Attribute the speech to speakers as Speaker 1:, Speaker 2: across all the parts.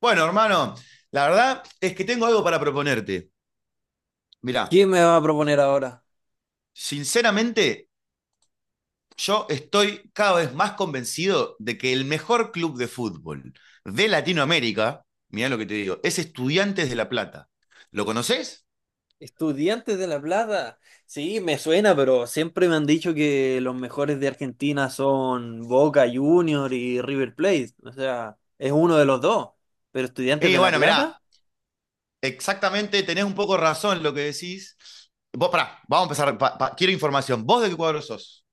Speaker 1: Bueno, hermano, la verdad es que tengo algo para proponerte. Mirá,
Speaker 2: ¿Quién me va a proponer ahora?
Speaker 1: sinceramente, yo estoy cada vez más convencido de que el mejor club de fútbol de Latinoamérica, mirá lo que te digo, es Estudiantes de La Plata. ¿Lo conoces?
Speaker 2: Estudiantes de La Plata. Sí, me suena, pero siempre me han dicho que los mejores de Argentina son Boca Junior y River Plate. O sea, es uno de los dos. Pero Estudiantes
Speaker 1: Y
Speaker 2: de La
Speaker 1: bueno,
Speaker 2: Plata.
Speaker 1: mirá, exactamente tenés un poco razón lo que decís. Vos, pará, vamos a empezar. Quiero información. ¿Vos de qué cuadro sos?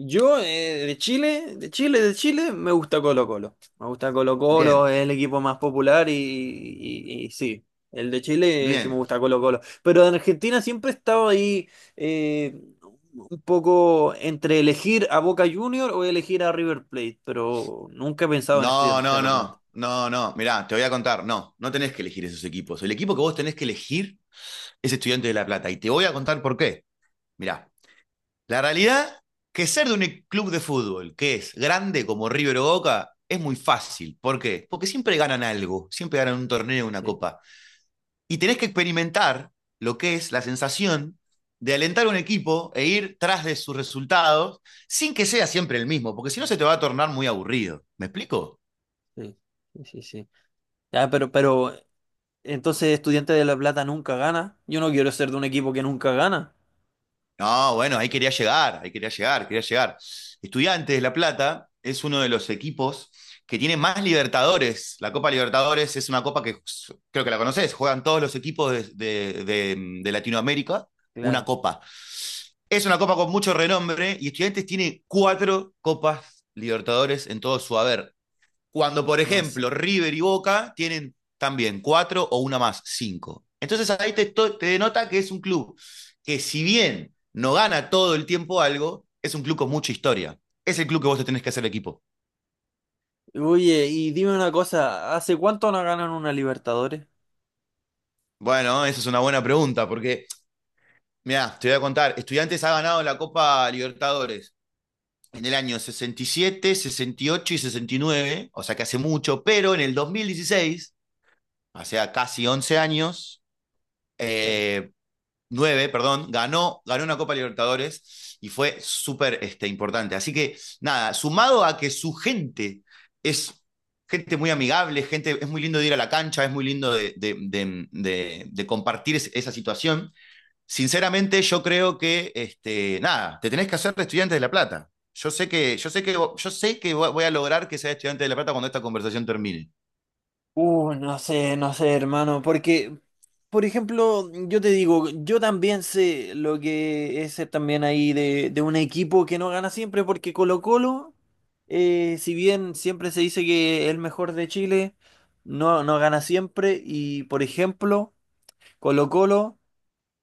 Speaker 2: Yo, de Chile, de Chile, me gusta Colo-Colo. Me gusta
Speaker 1: Bien,
Speaker 2: Colo-Colo, es el equipo más popular y sí, el de Chile es el que me
Speaker 1: bien.
Speaker 2: gusta Colo-Colo. Pero en Argentina siempre he estado ahí, eh, un poco entre elegir a Boca Junior o elegir a River Plate, pero nunca he pensado en
Speaker 1: No,
Speaker 2: Estudiantes de
Speaker 1: no,
Speaker 2: La Plata.
Speaker 1: no, no, no. Mirá, te voy a contar. No, no tenés que elegir esos equipos. El equipo que vos tenés que elegir es estudiante de La Plata. Y te voy a contar por qué. Mirá, la realidad que ser de un club de fútbol que es grande como River o Boca es muy fácil. ¿Por qué? Porque siempre ganan algo, siempre ganan un torneo, una
Speaker 2: Sí,
Speaker 1: copa. Y tenés que experimentar lo que es la sensación de alentar a un equipo e ir tras de sus resultados sin que sea siempre el mismo, porque si no se te va a tornar muy aburrido. ¿Me explico?
Speaker 2: sí, sí, sí, sí. Ya, pero entonces Estudiantes de La Plata nunca gana. Yo no quiero ser de un equipo que nunca gana.
Speaker 1: No, bueno, ahí quería llegar, quería llegar. Estudiantes de La Plata es uno de los equipos que tiene más Libertadores. La Copa Libertadores es una copa que creo que la conoces, juegan todos los equipos de, de Latinoamérica, una
Speaker 2: Claro,
Speaker 1: copa. Es una copa con mucho renombre y Estudiantes tiene cuatro copas Libertadores en todo su haber. Cuando, por
Speaker 2: no sé.
Speaker 1: ejemplo, River y Boca tienen también cuatro o una más, cinco. Entonces ahí te, te denota que es un club que si bien no gana todo el tiempo algo, es un club con mucha historia. Es el club que vos te tenés que hacer equipo.
Speaker 2: Oye, y dime una cosa, ¿hace cuánto no ganan una Libertadores?
Speaker 1: Bueno, esa es una buena pregunta, porque mira, te voy a contar, Estudiantes ha ganado la Copa Libertadores en el año 67, 68 y 69, o sea que hace mucho, pero en el 2016, o sea, casi 11 años,
Speaker 2: Claro.
Speaker 1: eh, 9 perdón, ganó, ganó una Copa Libertadores y fue súper importante. Así que nada, sumado a que su gente es gente muy amigable, gente, es muy lindo de ir a la cancha, es muy lindo de compartir es, esa situación. Sinceramente, yo creo que, nada, te tenés que hacer de estudiante de La Plata. Yo sé que, yo sé que, yo sé que voy a lograr que sea estudiante de La Plata cuando esta conversación termine.
Speaker 2: No sé, no sé, hermano, porque, por ejemplo, yo te digo, yo también sé lo que es ser también ahí de, un equipo que no gana siempre, porque Colo-Colo, si bien siempre se dice que es el mejor de Chile, no gana siempre, y por ejemplo, Colo-Colo,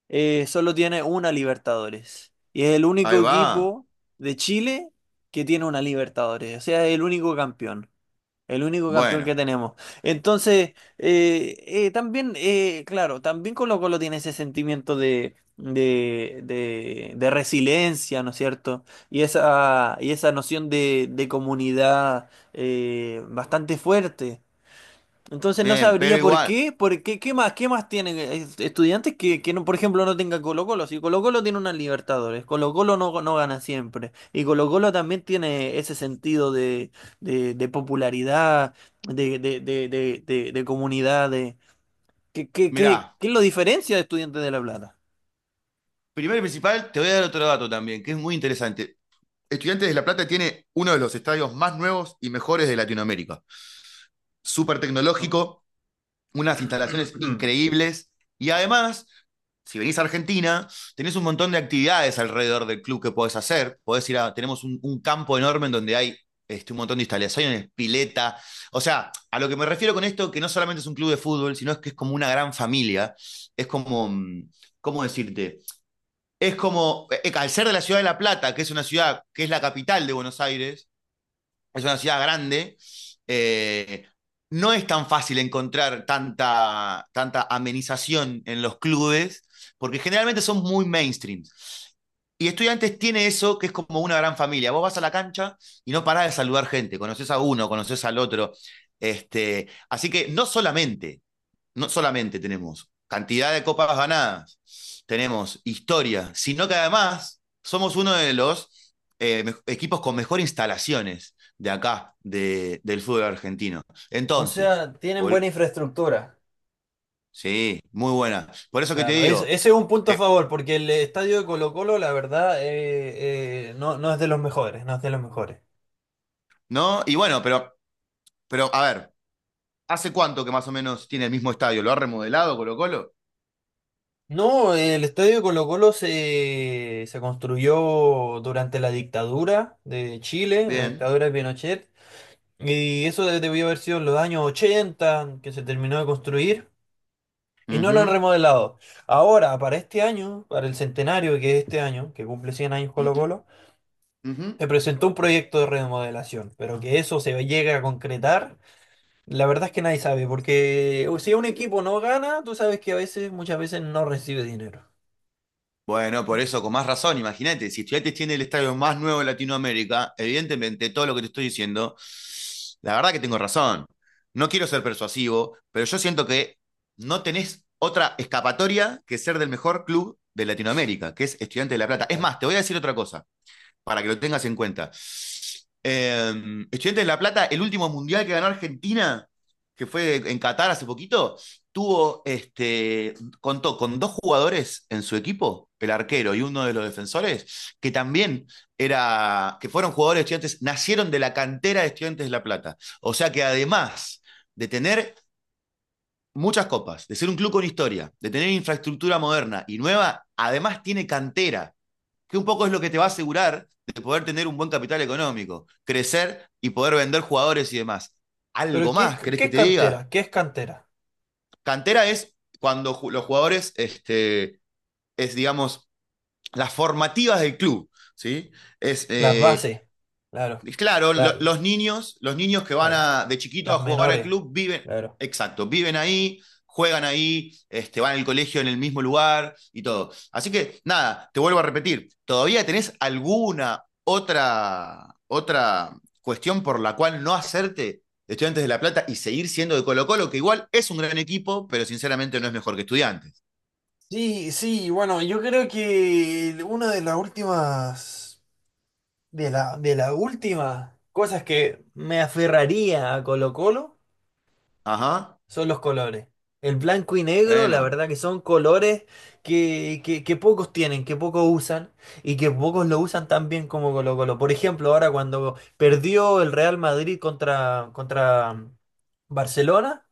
Speaker 2: solo tiene una Libertadores. Y es el
Speaker 1: Ahí
Speaker 2: único
Speaker 1: va.
Speaker 2: equipo de Chile que tiene una Libertadores. O sea, es el único campeón. El único campeón
Speaker 1: Bueno,
Speaker 2: que tenemos. Entonces, también, claro, también Colo Colo tiene ese sentimiento de, de resiliencia, ¿no es cierto? Y esa noción de comunidad, bastante fuerte. Entonces no
Speaker 1: bien, pero
Speaker 2: sabría
Speaker 1: igual,
Speaker 2: qué más tienen estudiantes que no, por ejemplo, no tengan Colo-Colo. Si Colo-Colo tiene una Libertadores, Colo-Colo no gana siempre. Y Colo-Colo también tiene ese sentido de, de popularidad, de comunidad, de… ¿
Speaker 1: mirá,
Speaker 2: qué lo diferencia de Estudiantes de La Plata?
Speaker 1: primero y principal, te voy a dar otro dato también, que es muy interesante. Estudiantes de La Plata tiene uno de los estadios más nuevos y mejores de Latinoamérica. Súper
Speaker 2: Oh.
Speaker 1: tecnológico, unas instalaciones increíbles y además, si venís a Argentina, tenés un montón de actividades alrededor del club que podés hacer. Podés ir a, tenemos un campo enorme en donde hay un montón de instalaciones, pileta. O sea, a lo que me refiero con esto, que no solamente es un club de fútbol, sino es que es como una gran familia. Es como, ¿cómo decirte? Es como, al ser de la ciudad de La Plata, que es una ciudad, que es la capital de Buenos Aires, es una ciudad grande, eh, no es tan fácil encontrar tanta amenización en los clubes, porque generalmente son muy mainstream. Y Estudiantes tiene eso que es como una gran familia. Vos vas a la cancha y no parás de saludar gente, conoces a uno, conoces al otro. Así que no solamente tenemos cantidad de copas ganadas, tenemos historia, sino que además somos uno de los equipos con mejor instalaciones de acá, de, del fútbol argentino.
Speaker 2: O
Speaker 1: Entonces,
Speaker 2: sea, tienen buena infraestructura.
Speaker 1: sí, muy buena. Por eso que te
Speaker 2: Claro,
Speaker 1: digo,
Speaker 2: ese es un punto a
Speaker 1: eh,
Speaker 2: favor, porque el estadio de Colo-Colo, la verdad, no, no es de los mejores, no es de los mejores.
Speaker 1: ¿no? Y bueno, pero a ver, ¿hace cuánto que más o menos tiene el mismo estadio? ¿Lo ha remodelado Colo Colo?
Speaker 2: No, el estadio de Colo-Colo se construyó durante la dictadura de Chile, la
Speaker 1: Bien.
Speaker 2: dictadura de Pinochet, y eso debió haber sido en los años 80 que se terminó de construir, y no lo han
Speaker 1: Ujú,
Speaker 2: remodelado. Ahora, para este año, para el centenario que es este año, que cumple 100 años
Speaker 1: ujú,
Speaker 2: Colo-Colo,
Speaker 1: ujú.
Speaker 2: se presentó un proyecto de remodelación, pero que eso se llegue a concretar. La verdad es que nadie sabe, porque si un equipo no gana, tú sabes que a veces, muchas veces no recibe dinero.
Speaker 1: Bueno, por eso, con más razón, imagínate, si Estudiantes tiene el estadio más nuevo de Latinoamérica, evidentemente todo lo que te estoy diciendo, la verdad que tengo razón. No quiero ser persuasivo, pero yo siento que no tenés otra escapatoria que ser del mejor club de Latinoamérica, que es Estudiantes de La Plata. Es
Speaker 2: Claro.
Speaker 1: más, te voy a decir otra cosa para que lo tengas en cuenta. Eh, Estudiantes de La Plata, el último mundial que ganó Argentina, que fue en Qatar hace poquito, tuvo contó con dos jugadores en su equipo, el arquero y uno de los defensores, que también era, que fueron jugadores de estudiantes, nacieron de la cantera de estudiantes de La Plata. O sea que además de tener muchas copas, de ser un club con historia, de tener infraestructura moderna y nueva, además tiene cantera que un poco es lo que te va a asegurar de poder tener un buen capital económico, crecer y poder vender jugadores y demás.
Speaker 2: Pero
Speaker 1: Algo más, ¿querés
Speaker 2: qué
Speaker 1: que
Speaker 2: es
Speaker 1: te diga?
Speaker 2: cantera? ¿Qué es cantera?
Speaker 1: Cantera es cuando los jugadores, es digamos, las formativas del club, ¿sí? Es
Speaker 2: Las bases, claro.
Speaker 1: claro,
Speaker 2: La-
Speaker 1: los niños que van
Speaker 2: claro.
Speaker 1: a, de chiquito a
Speaker 2: Las
Speaker 1: jugar al
Speaker 2: menores,
Speaker 1: club viven,
Speaker 2: claro.
Speaker 1: exacto, viven ahí, juegan ahí, van al colegio en el mismo lugar y todo. Así que nada, te vuelvo a repetir, ¿todavía tenés alguna otra cuestión por la cual no hacerte Estudiantes de La Plata y seguir siendo de Colo-Colo, que igual es un gran equipo, pero sinceramente no es mejor que Estudiantes?
Speaker 2: Sí, sí, bueno, yo creo que una de las últimas, de la, de las últimas cosas que me aferraría a Colo Colo
Speaker 1: Ajá,
Speaker 2: son los colores. El blanco y negro, la
Speaker 1: bueno,
Speaker 2: verdad que son colores que, que pocos tienen, que pocos usan y que pocos lo usan tan bien como Colo Colo. Por ejemplo, ahora cuando perdió el Real Madrid contra, contra Barcelona,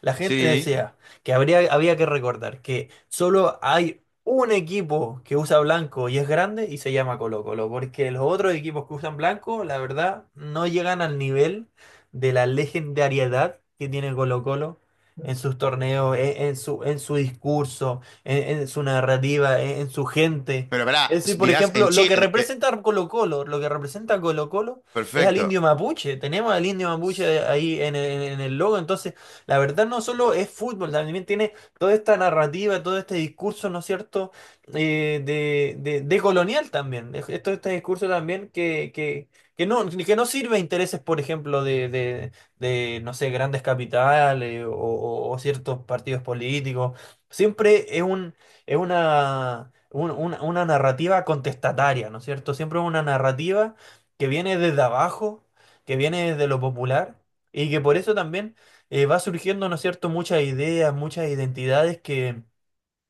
Speaker 2: la gente
Speaker 1: sí.
Speaker 2: decía que habría, había que recordar que solo hay un equipo que usa blanco y es grande y se llama Colo Colo, porque los otros equipos que usan blanco, la verdad, no llegan al nivel de la legendariedad que tiene Colo Colo en sus torneos, en su discurso, en su narrativa, en su gente.
Speaker 1: Pero verá,
Speaker 2: Es decir, por
Speaker 1: dirás
Speaker 2: ejemplo,
Speaker 1: en
Speaker 2: lo que
Speaker 1: Chile,
Speaker 2: representa Colo-Colo, lo que representa Colo-Colo es al indio
Speaker 1: perfecto.
Speaker 2: mapuche. Tenemos al indio mapuche ahí en el logo. Entonces, la verdad no solo es fútbol, también tiene toda esta narrativa, todo este discurso, ¿no es cierto? De, de colonial también. Es todo este discurso también que no sirve a intereses, por ejemplo, de, no sé, grandes capitales o ciertos partidos políticos. Siempre es un, es una, una narrativa contestataria, ¿no es cierto? Siempre es una narrativa que viene desde abajo, que viene desde lo popular y que por eso también, va surgiendo, ¿no es cierto?, muchas ideas, muchas identidades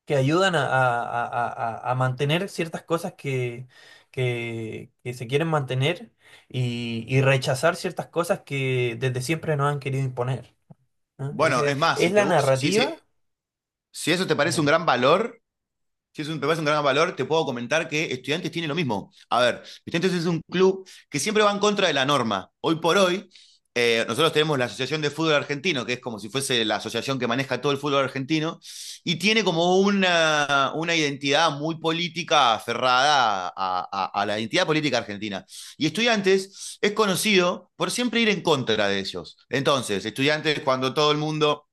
Speaker 2: que ayudan a, a mantener ciertas cosas que, que se quieren mantener y rechazar ciertas cosas que desde siempre nos han querido imponer, ¿no?
Speaker 1: Bueno, es más,
Speaker 2: ¿Es
Speaker 1: si, te,
Speaker 2: la
Speaker 1: gu- si, si- si
Speaker 2: narrativa?
Speaker 1: si eso te parece un
Speaker 2: Viene.
Speaker 1: gran valor, si eso te parece un gran valor, te puedo comentar que Estudiantes tiene lo mismo. A ver, Estudiantes es un club que siempre va en contra de la norma. Hoy por hoy, nosotros tenemos la Asociación de Fútbol Argentino, que es como si fuese la asociación que maneja todo el fútbol argentino, y tiene como una identidad muy política aferrada a la identidad política argentina. Y Estudiantes es conocido por siempre ir en contra de ellos. Entonces, Estudiantes, cuando todo el mundo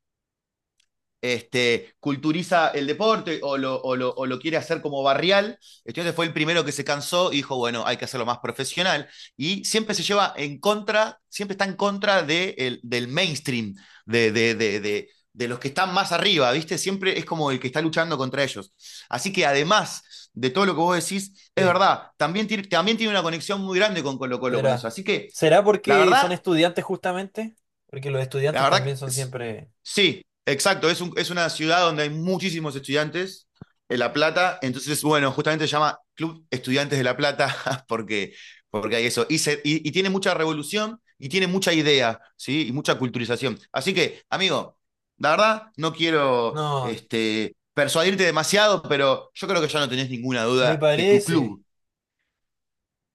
Speaker 1: culturiza el deporte o lo quiere hacer como barrial. Entonces fue el primero que se cansó y dijo, bueno, hay que hacerlo más profesional. Y siempre se lleva en contra, siempre está en contra de del mainstream, de los que están más arriba, ¿viste? Siempre es como el que está luchando contra ellos. Así que además de todo lo que vos decís, es
Speaker 2: Sí,
Speaker 1: verdad, también tiene una conexión muy grande con Colo Colo con eso.
Speaker 2: será.
Speaker 1: Así que
Speaker 2: ¿Será
Speaker 1: la
Speaker 2: porque son
Speaker 1: verdad,
Speaker 2: estudiantes justamente? Porque los
Speaker 1: la
Speaker 2: estudiantes
Speaker 1: verdad,
Speaker 2: también
Speaker 1: que
Speaker 2: son
Speaker 1: es-
Speaker 2: siempre…
Speaker 1: sí, exacto. Es una ciudad donde hay muchísimos estudiantes en La Plata. Entonces, bueno, justamente se llama Club Estudiantes de La Plata porque, porque hay eso. Y, y tiene mucha revolución y tiene mucha idea, ¿sí? Y mucha culturización. Así que, amigo, la verdad, no quiero
Speaker 2: No,
Speaker 1: persuadirte demasiado, pero yo creo que ya no tenés ninguna
Speaker 2: me
Speaker 1: duda que tu
Speaker 2: parece.
Speaker 1: club,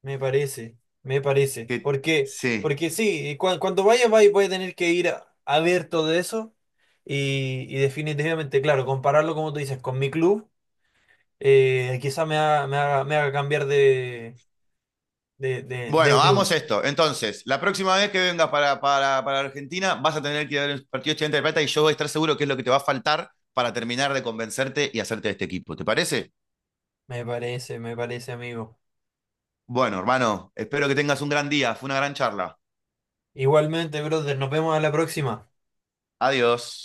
Speaker 2: Me parece, me parece.
Speaker 1: que
Speaker 2: Porque,
Speaker 1: sí.
Speaker 2: porque sí, cuando vayas, vais, voy a tener que ir a ver todo eso. Y definitivamente, claro, compararlo, como tú dices, con mi club, quizá me haga, me haga, me haga cambiar de,
Speaker 1: Bueno,
Speaker 2: de club.
Speaker 1: hagamos esto. Entonces, la próxima vez que vengas para Argentina, vas a tener que ir al partido estudiante de plata y yo voy a estar seguro que es lo que te va a faltar para terminar de convencerte y hacerte de este equipo. ¿Te parece?
Speaker 2: Me parece, amigo.
Speaker 1: Bueno, hermano, espero que tengas un gran día. Fue una gran charla.
Speaker 2: Igualmente, brother, nos vemos a la próxima.
Speaker 1: Adiós.